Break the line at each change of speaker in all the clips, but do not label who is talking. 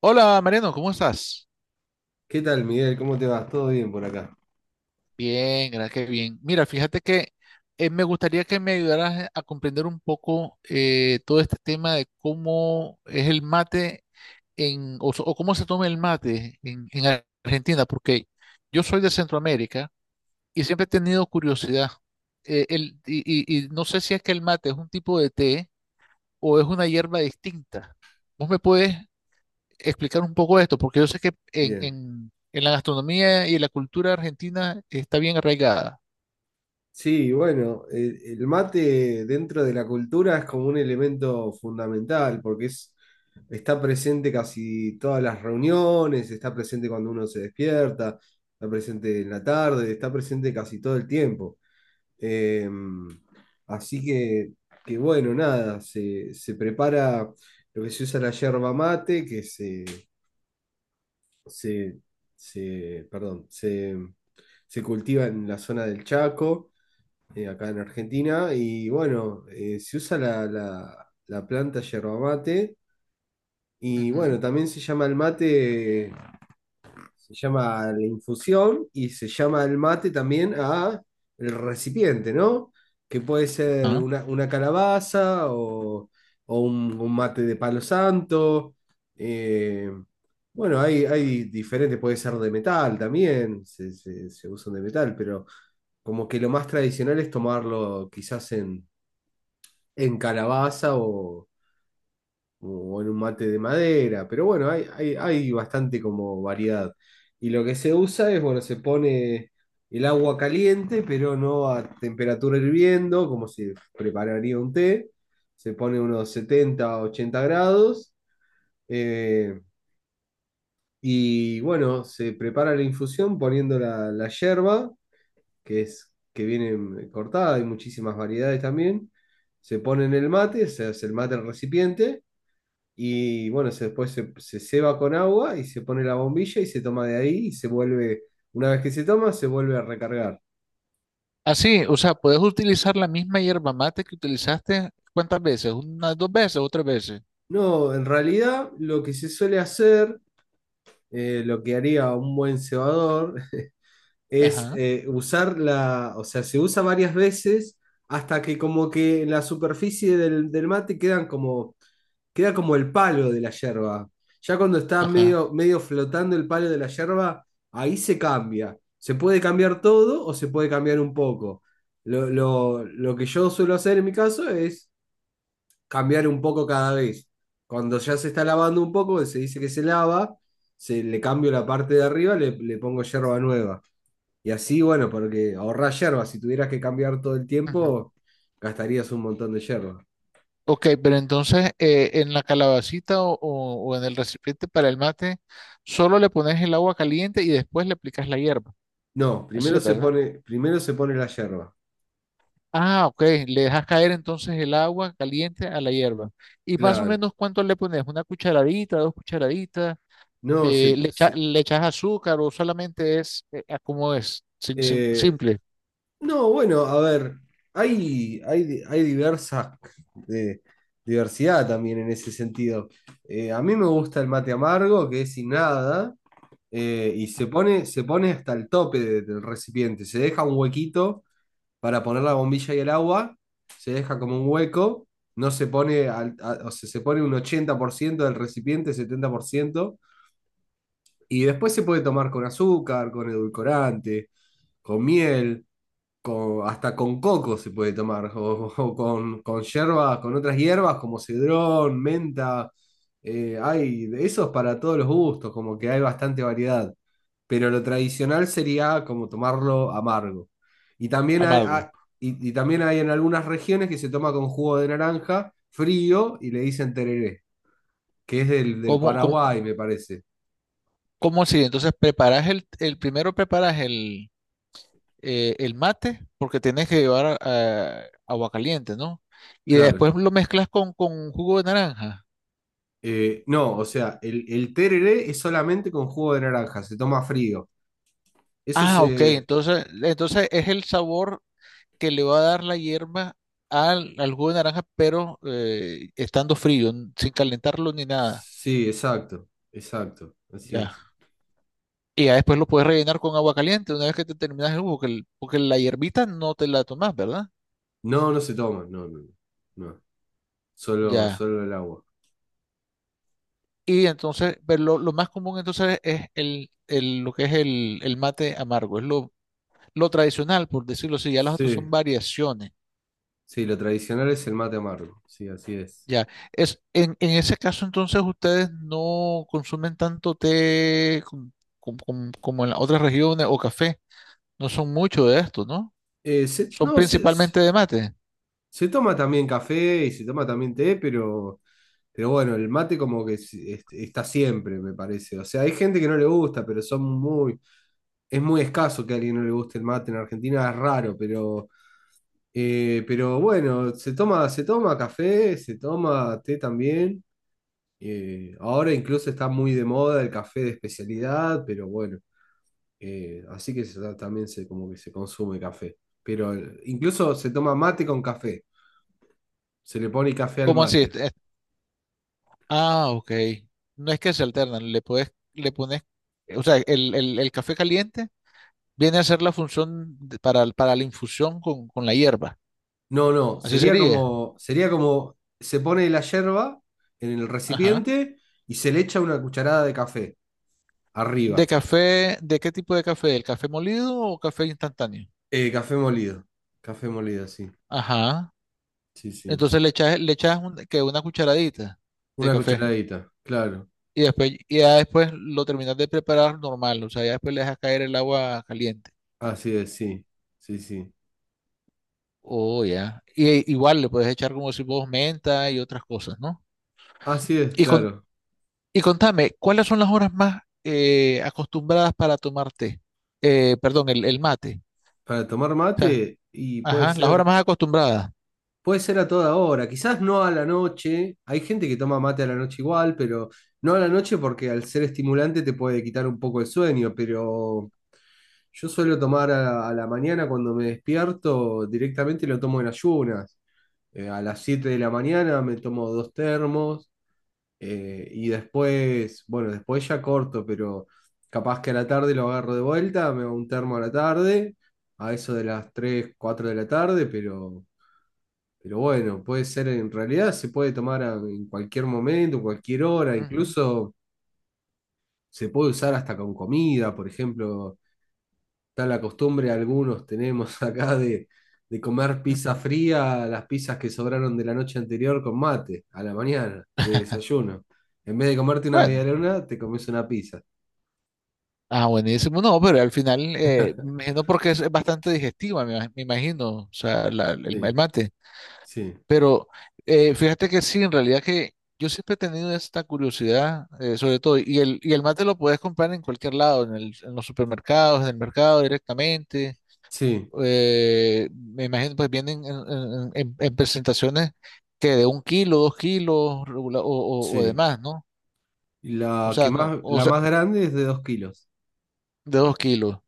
Hola Mariano, ¿cómo estás?
¿Qué tal, Miguel? ¿Cómo te vas? ¿Todo bien por acá?
Bien, gracias, qué bien. Mira, fíjate que me gustaría que me ayudaras a comprender un poco todo este tema de cómo es el mate o cómo se toma el mate en Argentina, porque yo soy de Centroamérica y siempre he tenido curiosidad. Eh, el- y, y no sé si es que el mate es un tipo de té o es una hierba distinta. ¿Vos me puedes explicar un poco esto? Porque yo sé que
Bien.
en la gastronomía y en la cultura argentina está bien arraigada.
Sí, bueno, el mate dentro de la cultura es como un elemento fundamental está presente casi todas las reuniones, está presente cuando uno se despierta, está presente en la tarde, está presente casi todo el tiempo. Eh, así que, que bueno, nada, se prepara lo que se usa la yerba mate, que se, se, perdón, se, se cultiva en la zona del Chaco, acá en Argentina, y bueno, se usa la planta yerba mate, y
Ujú.
bueno, también se llama el mate, se llama la infusión y se llama el mate también a el recipiente, ¿no? Que puede ser
Ah.
una calabaza o un mate de palo santo. eh, bueno, hay diferentes, puede ser de metal también, se usan de metal, pero como que lo más tradicional es tomarlo quizás en calabaza o en un mate de madera, pero bueno, hay bastante como variedad. Y lo que se usa es, bueno, se pone el agua caliente, pero no a temperatura hirviendo, como se prepararía un té. Se pone unos 70 80 grados. eh, y bueno, se prepara la infusión poniendo la yerba, que es que viene cortada, hay muchísimas variedades también. Se pone en el mate, se hace el mate al recipiente y bueno, después se ceba con agua y se pone la bombilla y se toma de ahí y se vuelve, una vez que se toma, se vuelve a recargar.
Así, o sea, puedes utilizar la misma hierba mate que utilizaste, ¿cuántas veces? ¿Unas dos veces o tres veces?
No, en realidad lo que se suele hacer, lo que haría un buen cebador, es
Ajá,
usar la, o sea, se usa varias veces hasta que como que en la superficie del mate quedan como queda como el palo de la yerba. Ya cuando está
ajá.
medio, medio flotando el palo de la yerba, ahí se cambia. Se puede cambiar todo o se puede cambiar un poco. Lo que yo suelo hacer en mi caso es cambiar un poco cada vez. Cuando ya se está lavando un poco, se dice que se lava, se, le cambio la parte de arriba, le pongo yerba nueva. Y así, bueno, porque ahorrás yerba. Si tuvieras que cambiar todo el
Ujú.
tiempo, gastarías un montón de yerba.
Ok, pero entonces en la calabacita o en el recipiente para el mate, solo le pones el agua caliente y después le aplicas la hierba.
No,
Así es, ¿verdad?
primero se pone la yerba.
Ah, ok. Le dejas caer entonces el agua caliente a la hierba. ¿Y más o
Claro,
menos cuánto le pones? ¿Una cucharadita, dos cucharaditas?
no, se, se-
Le echas azúcar o solamente es como es?
eh,
¿Simple,
no, bueno, a ver, hay diversa eh, diversidad también en ese sentido. A mí me gusta el mate amargo, que es sin nada, y se pone hasta el tope de- del recipiente. Se deja un huequito para poner la bombilla y el agua, se deja como un hueco, no se pone, o sea, se pone un 80% del recipiente, 70% y después se puede tomar con azúcar, con edulcorante, con miel, con, hasta con coco se puede tomar, o con hierbas, con otras hierbas como cedrón, menta. Hay de esos para todos los gustos, como que hay bastante variedad. Pero lo tradicional sería como tomarlo amargo. Y también hay,
amargo?
ha- y y también hay en algunas regiones que se toma con jugo de naranja frío y le dicen tereré, que es del
¿Cómo, cómo,
Paraguay, me parece.
¿Cómo así? Entonces preparas el, primero preparas el mate porque tienes que llevar ah, agua caliente, ¿no? Y
Claro.
después lo mezclas con jugo de naranja.
No, o sea, el tereré es solamente con jugo de naranja, se toma frío. Eso
Ah, ok.
se...
Entonces, entonces es el sabor que le va a dar la hierba al, al jugo de naranja, pero estando frío, n- sin calentarlo ni nada.
Sí, exacto, exacto, así es.
Ya. Y ya después lo puedes rellenar con agua caliente una vez que te terminas el jugo, que el- porque la hierbita no te la tomas, ¿verdad?
No, no se toma, no, no, no. Solo,
Ya.
solo el agua.
Y entonces, pero lo más común entonces es lo que es el mate amargo, es lo tradicional, por decirlo así. Ya las otras
Sí,
son variaciones.
sí, lo tradicional es el mate amargo, sí, así es.
Ya, es, en ese caso entonces ustedes no consumen tanto té como en las otras regiones, o café, no son mucho de esto, ¿no? Son
No,
principalmente de mate.
se toma también café y se toma también té, pero bueno, el mate como que está siempre, me parece. O sea, hay gente que no le gusta, pero son muy, es muy escaso que a alguien no le guste el mate en Argentina, es raro, pero bueno, se toma café, se toma té también. Ahora incluso está muy de moda el café de especialidad, pero bueno, así que también se, como que se consume café. Pero incluso se toma mate con café, se le pone café al
¿Cómo así?
mate.
Ah, ok. No es que se alternan, le puedes, le pones, o sea, el café caliente viene a ser la función de- para la infusión con la hierba.
No, no,
Así sería.
sería como se pone la yerba en el
Ajá.
recipiente y se le echa una cucharada de café
¿De
arriba.
café, de qué tipo de café? ¿El café molido o café instantáneo?
Café molido. Café molido, sí.
Ajá.
Sí, sí.
Entonces le echas un- que una cucharadita de
Una
café
cucharadita, claro.
y después, y ya después lo terminas de preparar normal, o sea, ya después le dejas caer el agua caliente.
Así es, sí. Sí, sí.
Oh, ya. Y igual le puedes echar como si vos menta y otras cosas, ¿no?
Así es,
Y, con,
claro.
y contame, ¿cuáles son las horas más acostumbradas para tomar té? Perdón, el mate.
Para tomar
O sea,
mate, y
ajá, las horas más acostumbradas.
puede ser a toda hora. Quizás no a la noche. Hay gente que toma mate a la noche igual, pero no a la noche porque al ser estimulante te puede quitar un poco el sueño, pero yo suelo tomar a la mañana cuando me despierto, directamente lo tomo en ayunas. A las 7 de la mañana me tomo dos termos. Y después, bueno, después ya corto, pero capaz que a la tarde lo agarro de vuelta, me hago un termo a la tarde, a eso de las 3 4 de la tarde, pero bueno, puede ser en realidad, se puede tomar en cualquier momento, cualquier hora,
Ujú,
incluso se puede usar hasta con comida, por ejemplo. Está la costumbre, algunos tenemos acá de comer pizza
ujú.
fría, las pizzas que sobraron de la noche anterior con mate, a la mañana, de desayuno. En vez de comerte una
Bueno.
medialuna, te comes una pizza.
Ah, buenísimo. No, pero al final, me imagino porque es bastante digestiva, me, me imagino, o sea, el
Sí,
mate.
sí,
Pero fíjate que sí, en realidad que yo siempre he tenido esta curiosidad, sobre todo, y el mate lo puedes comprar en cualquier lado, en los supermercados, en el mercado directamente.
sí,
Eh, me imagino, pues vienen en, en presentaciones que de un kilo, dos kilos, o de
sí.
más, ¿no?
Y
O
la que
sea, no,
más,
o
la
sea,
más grande es de dos kilos.
de dos kilos.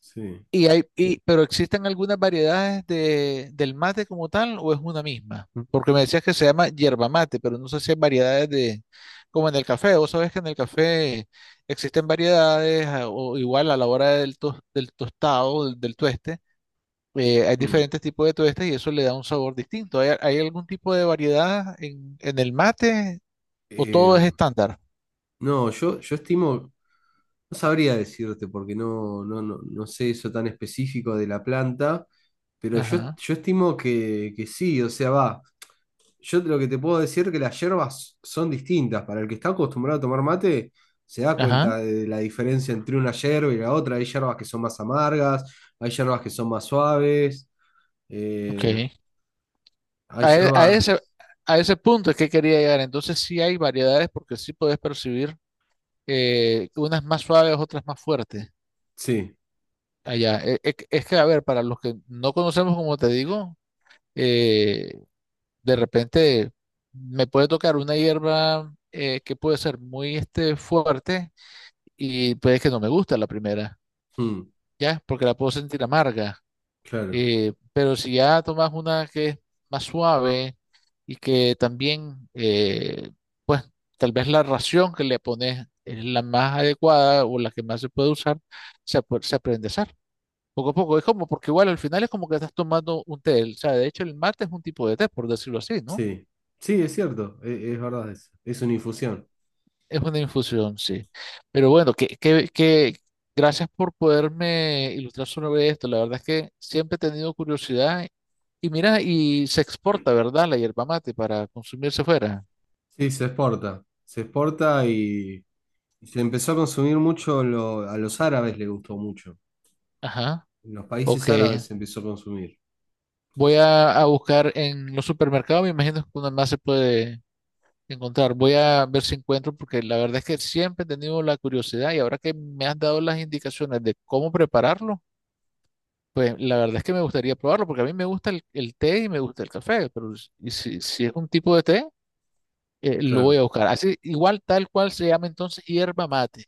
Sí.
Y hay, y, pero ¿existen algunas variedades de, del mate como tal o es una misma? Porque me decías que se llama yerba mate, pero no sé si hay variedades de, como en el café. Vos sabés que en el café existen variedades, a- o igual a la hora del tostado, del, del tueste, hay
Mm.
diferentes tipos de tuestes y eso le da un sabor distinto. ¿Hay, hay algún tipo de variedad en el mate, o todo
Eh,
es estándar?
no, yo, yo estimo, no sabría decirte porque no sé eso tan específico de la planta, pero
Ajá,
yo estimo que sí, o sea, va. Yo lo que te puedo decir es que las hierbas son distintas. Para el que está acostumbrado a tomar mate, se da cuenta
ajá,
de la diferencia entre una hierba y la otra. Hay hierbas que son más amargas, hay hierbas que son más suaves, eh,
ok.
hay
A, e- a
hierbas...
ese, a ese punto es que quería llegar. Entonces sí hay variedades porque sí puedes percibir unas más suaves, otras más fuertes
Sí,
allá. Es, que, a ver, para los que no conocemos, como te digo, eh, de repente me puede tocar una hierba que puede ser muy este, fuerte, y puede que no me guste a la primera,
mm,
¿ya? Porque la puedo sentir amarga.
claro,
Pero si ya tomas una que es más suave, y que también, pues tal vez la ración que le pones es la más adecuada o la que más se puede usar, se, se aprende a hacer. Poco a poco, es como, porque igual al final es como que estás tomando un té. O sea, de hecho el mate es un tipo de té, por decirlo así, ¿no?
sí. Sí, es cierto, es, verdad eso. Es una infusión.
Es una infusión, sí. Pero bueno, que gracias por poderme ilustrar sobre esto. La verdad es que siempre he tenido curiosidad. Y mira, y se exporta, ¿verdad? La yerba mate para consumirse fuera.
Sí, se exporta. Se exporta y se empezó a consumir mucho, a los árabes les gustó mucho.
Ajá,
En los
ok.
países árabes se empezó a consumir.
Voy a buscar en los supermercados, me imagino que una más se puede encontrar. Voy a ver si encuentro, porque la verdad es que siempre he tenido la curiosidad y ahora que me has dado las indicaciones de cómo prepararlo. Pues la verdad es que me gustaría probarlo porque a mí me gusta el té y me gusta el café, pero si es un tipo de té, lo voy
Claro,
a buscar. Así, igual tal cual se llama entonces hierba mate.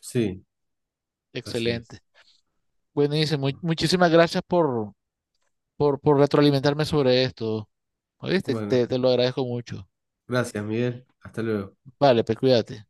sí. Así
Excelente.
es.
Buenísimo. Muchísimas gracias por retroalimentarme sobre esto. ¿Oíste? Te,
Bueno,
te lo agradezco mucho.
gracias, Miguel. Hasta luego.
Vale, pues cuídate.